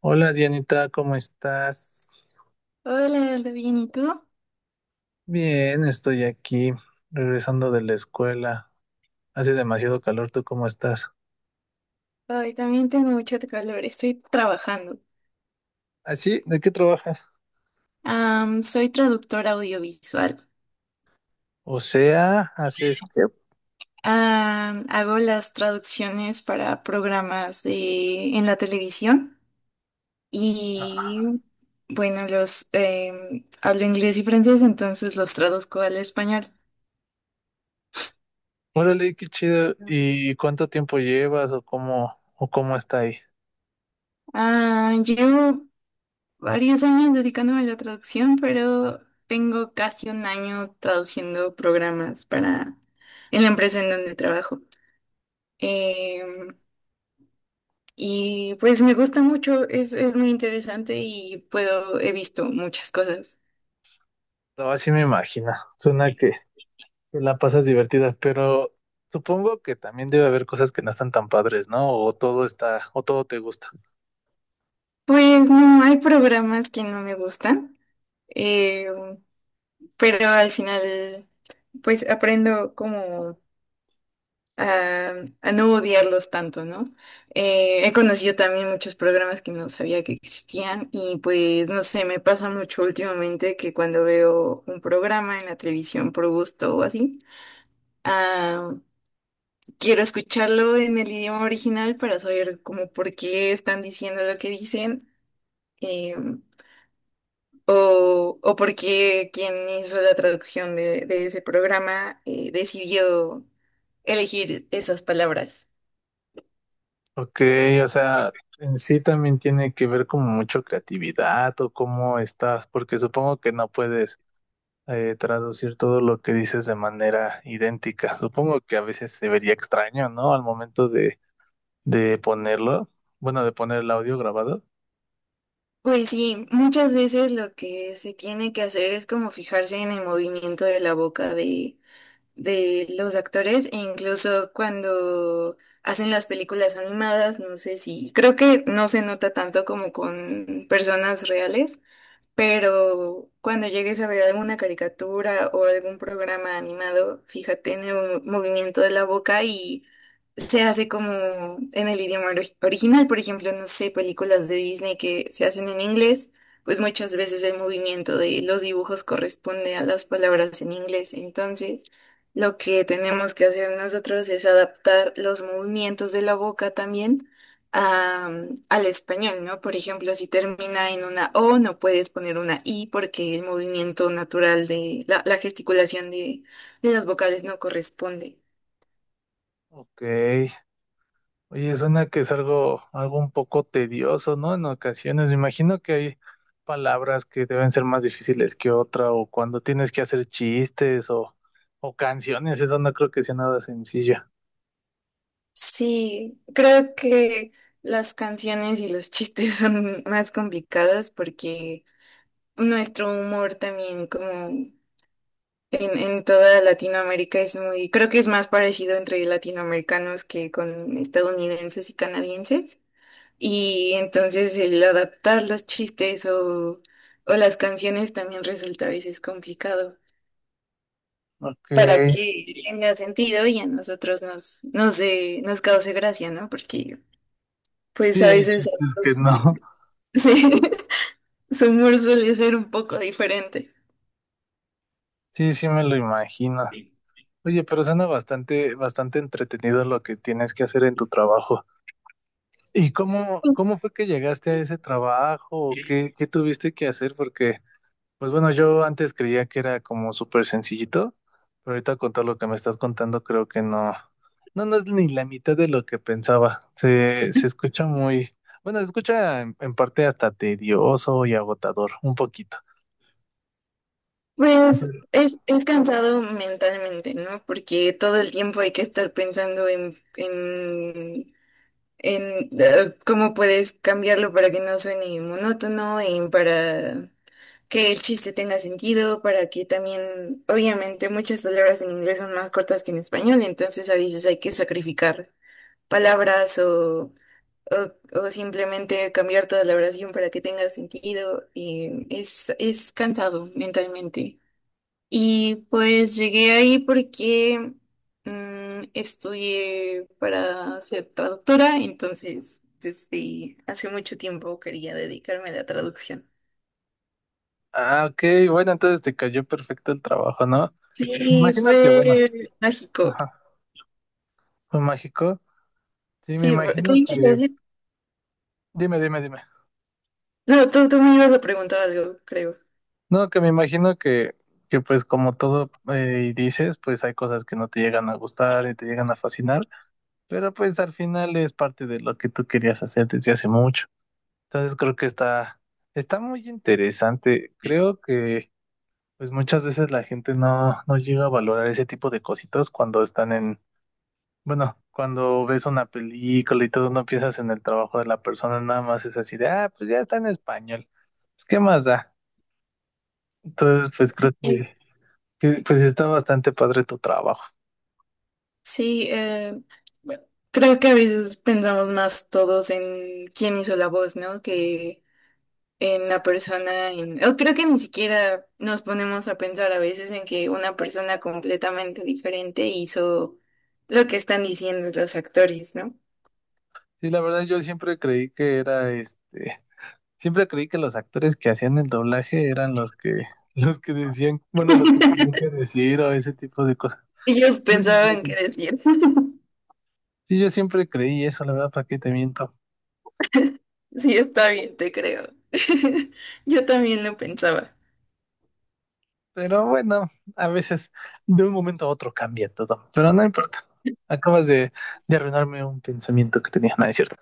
Hola Dianita, ¿cómo estás? Hola, Aldo, bien, ¿y tú? Bien, estoy aquí, regresando de la escuela. Hace demasiado calor, ¿tú cómo estás? Hoy también tengo mucho calor, estoy trabajando. ¿Ah, sí? ¿De qué trabajas? Soy traductora audiovisual. O sea, haces que... Hago las traducciones para en la televisión y, bueno, hablo inglés y francés, entonces los traduzco al español. Órale, qué chido. ¿Y cuánto tiempo llevas o cómo está ahí? Llevo varios años dedicándome a la traducción, pero tengo casi un año traduciendo programas para en la empresa en donde trabajo. Em, y pues me gusta mucho, es muy interesante y puedo, he visto muchas cosas. No, así me imagino. Suena que te la pasas divertida, pero supongo que también debe haber cosas que no están tan padres, ¿no? O todo está, o todo te gusta. Pues no, hay programas que no me gustan, em, pero al final pues aprendo como a, a no odiarlos tanto, ¿no? He conocido también muchos programas que no sabía que existían y pues no sé, me pasa mucho últimamente que cuando veo un programa en la televisión por gusto o así, ah, quiero escucharlo en el idioma original para saber como por qué están diciendo lo que dicen eh, o por qué quien hizo la traducción de ese programa, decidió elegir esas palabras. Ok, o sea, en sí también tiene que ver como mucho creatividad o cómo estás, porque supongo que no puedes traducir todo lo que dices de manera idéntica. Supongo que a veces se vería extraño, ¿no? Al momento de ponerlo, bueno, de poner el audio grabado. Pues sí, muchas veces lo que se tiene que hacer es como fijarse en el movimiento de la boca de los actores e incluso cuando hacen las películas animadas, no sé si, creo que no se nota tanto como con personas reales, pero cuando llegues a ver alguna caricatura o algún programa animado, fíjate en el movimiento de la boca y se hace como en el original. Por ejemplo, no sé, películas de Disney que se hacen en inglés, pues muchas veces el movimiento de los dibujos corresponde a las palabras en inglés. Entonces, lo que tenemos que hacer nosotros es adaptar los movimientos de la boca también a- al español, ¿no? Por ejemplo, si termina en una O, no puedes poner una I porque el movimiento natural de la gesticulación de las vocales no corresponde. Ok, oye, suena que es algo, algo un poco tedioso, ¿no? En ocasiones, me imagino que hay palabras que deben ser más difíciles que otra, o cuando tienes que hacer chistes o canciones, eso no creo que sea nada sencillo. Sí, creo que las canciones y los chistes son más complicados porque nuestro humor también como en toda Latinoamérica es muy, creo que es más parecido entre latinoamericanos que con estadounidenses y canadienses. Y entonces el adaptar los chistes o las canciones también resulta a veces complicado Ok, para que tenga sentido y a nosotros nos cause gracia, ¿no? Porque pues a sí, hay veces a chistes que otros le- no. sí, su humor suele ser un poco diferente. Sí, sí me lo imagino. Oye, pero suena bastante, bastante entretenido lo que tienes que hacer en tu trabajo. ¿Y cómo, cómo fue que llegaste a ese trabajo? ¿O qué, qué tuviste que hacer? Porque pues bueno, yo antes creía que era como súper sencillito, pero ahorita con todo lo que me estás contando creo que no, no, no es ni la mitad de lo que pensaba. Se escucha muy, bueno, se escucha en parte hasta tedioso y agotador, un poquito. Pues Pero- es cansado mentalmente, ¿no? Porque todo el tiempo hay que estar pensando en cómo puedes cambiarlo para que no suene monótono y para que el chiste tenga sentido, para que también, obviamente, muchas palabras en inglés son más cortas que en español, entonces a veces hay que sacrificar palabras o, o simplemente cambiar toda la oración para que tenga sentido. Y es cansado mentalmente. Y pues llegué ahí porque estudié para ser traductora, entonces desde hace mucho tiempo quería dedicarme a la traducción. ah, ok, bueno, entonces te cayó perfecto el trabajo, ¿no? Me Sí, imagino que, bueno, fue México. ajá, fue mágico. Sí, me Sí, bro- ¿qué imagino ibas a que, decir? dime, dime, dime. No, tú me ibas a preguntar algo, creo. No, que me imagino que pues como todo dices, pues hay cosas que no te llegan a gustar y te llegan a fascinar, pero pues al final es parte de lo que tú querías hacer desde hace mucho. Entonces creo que está, está muy interesante. Creo que pues muchas veces la gente no, no llega a valorar ese tipo de cositas cuando están en, bueno, cuando ves una película y todo, no piensas en el trabajo de la persona, nada más es así de, ah, pues ya está en español. Pues, ¿qué más da? Entonces, pues creo Sí, que, pues está bastante padre tu trabajo. sí, bueno, creo que a veces pensamos más todos en quién hizo la voz, ¿no? Que en la persona, en... o creo que ni siquiera nos ponemos a pensar a veces en que una persona completamente diferente hizo lo que están diciendo los actores, ¿no? Sí, la verdad yo siempre creí que era este, siempre creí que los actores que hacían el doblaje eran los que, los que decían, bueno, los que tenían que decir o ese tipo de cosas. Ellos Bueno, no, pensaban que no. decían. Sí, yo siempre creí eso, la verdad, ¿para qué te miento? Sí, está bien, te creo. Yo también lo pensaba. Pero bueno, a veces de un momento a otro cambia todo, pero no importa. Acabas de arruinarme un pensamiento que tenía, no es cierto.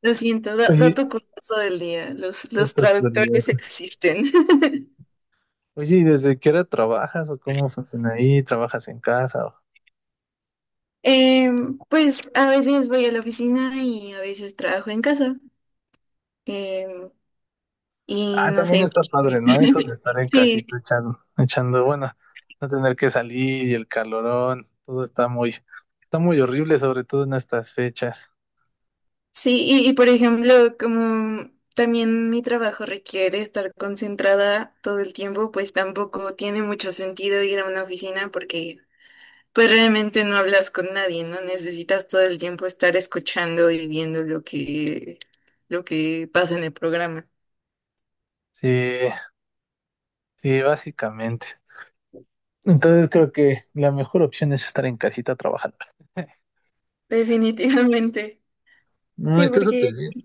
Lo siento, Oye, dato curioso del día. No Los te olvides. traductores existen. Oye, ¿y desde qué hora trabajas o cómo funciona ahí? ¿Trabajas en casa? Pues a veces voy a la oficina y a veces trabajo en casa. Em, y Ah, no también sé. está padre, ¿no? Eso de estar en Sí, casita echando, echando, bueno, no tener que salir y el calorón, todo está muy horrible, sobre todo en estas fechas. sí, y por ejemplo, como también mi trabajo requiere estar concentrada todo el tiempo, pues tampoco tiene mucho sentido ir a una oficina porque pues realmente no hablas con nadie, ¿no? Necesitas todo el tiempo estar escuchando y viendo lo lo que pasa en el programa. Sí, sí, básicamente. Entonces creo que la mejor opción es estar en casita trabajando. Definitivamente. No, Sí, está súper porque bien.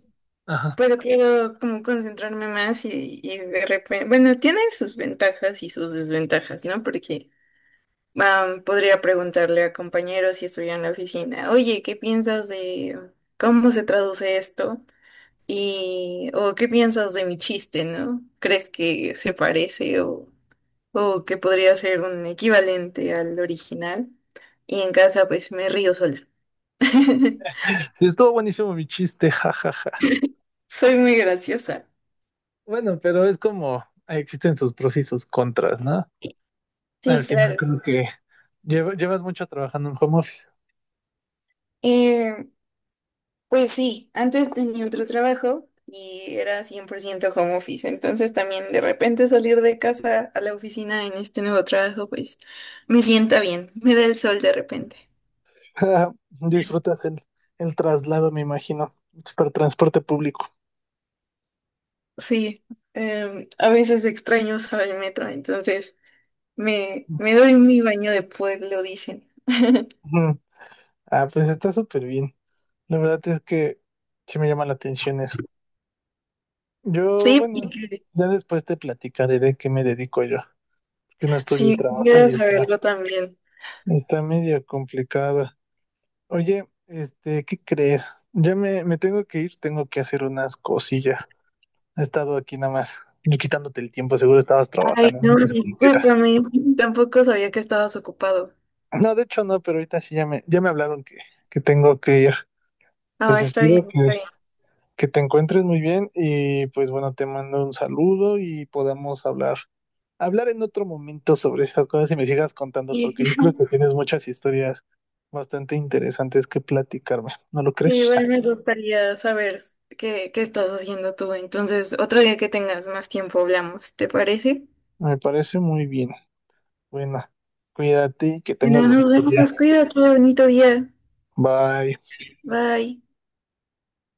Ajá. puedo, quiero como concentrarme más y de repente, bueno, tiene sus ventajas y sus desventajas, ¿no? Porque podría preguntarle a compañeros si estuviera en la oficina, oye, ¿qué piensas de cómo se traduce esto? Y, o ¿qué piensas de mi chiste, ¿no? ¿Crees que se parece o que podría ser un equivalente al original. Y en casa pues me río sola. Sí, estuvo buenísimo mi chiste, jajaja. Soy muy graciosa. Bueno, pero es como ahí existen sus pros y sus contras, ¿no? Al Sí, final claro. creo que llevas mucho trabajando en home office. Eh, pues sí, antes tenía otro trabajo y era 100% home office. Entonces también de repente salir de casa a la oficina en este nuevo trabajo pues me sienta bien, me da el sol de repente. Disfrutas el traslado, me imagino, para transporte público. Sí, a veces extraño usar el metro, entonces me doy mi baño de pueblo, dicen. Ujú. Ah, pues está súper bien. La verdad es que sí me llama la atención eso. Yo, Sí, bueno, ya después te platicaré de qué me dedico yo, porque no estudio y sí, trabaja quiero y está, saberlo también. está medio complicado. Oye, este, ¿qué crees? Ya me tengo que ir, tengo que hacer unas cosillas. He estado aquí nada más, yo quitándote el tiempo, seguro estabas Ay, trabajando, una no, disculpita. discúlpame. Tampoco sabía que estabas ocupado. No, de hecho no, pero ahorita sí ya me hablaron que tengo que ir. Pues Ah, está bien, espero está bien. que te encuentres muy bien y pues bueno, te mando un saludo y podamos hablar, hablar en otro momento sobre estas cosas y me sigas contando, Y- porque yo creo que tienes muchas historias bastante interesantes que platicarme. ¿No lo Sí, crees? igual me gustaría saber qué, qué estás haciendo tú. Entonces, otro día que tengas más tiempo hablamos, ¿te parece? Me parece muy bien. Bueno, cuídate y que tengas Bueno, nos bonito día. vemos. Cuídate, bonito día. Bye. Bye.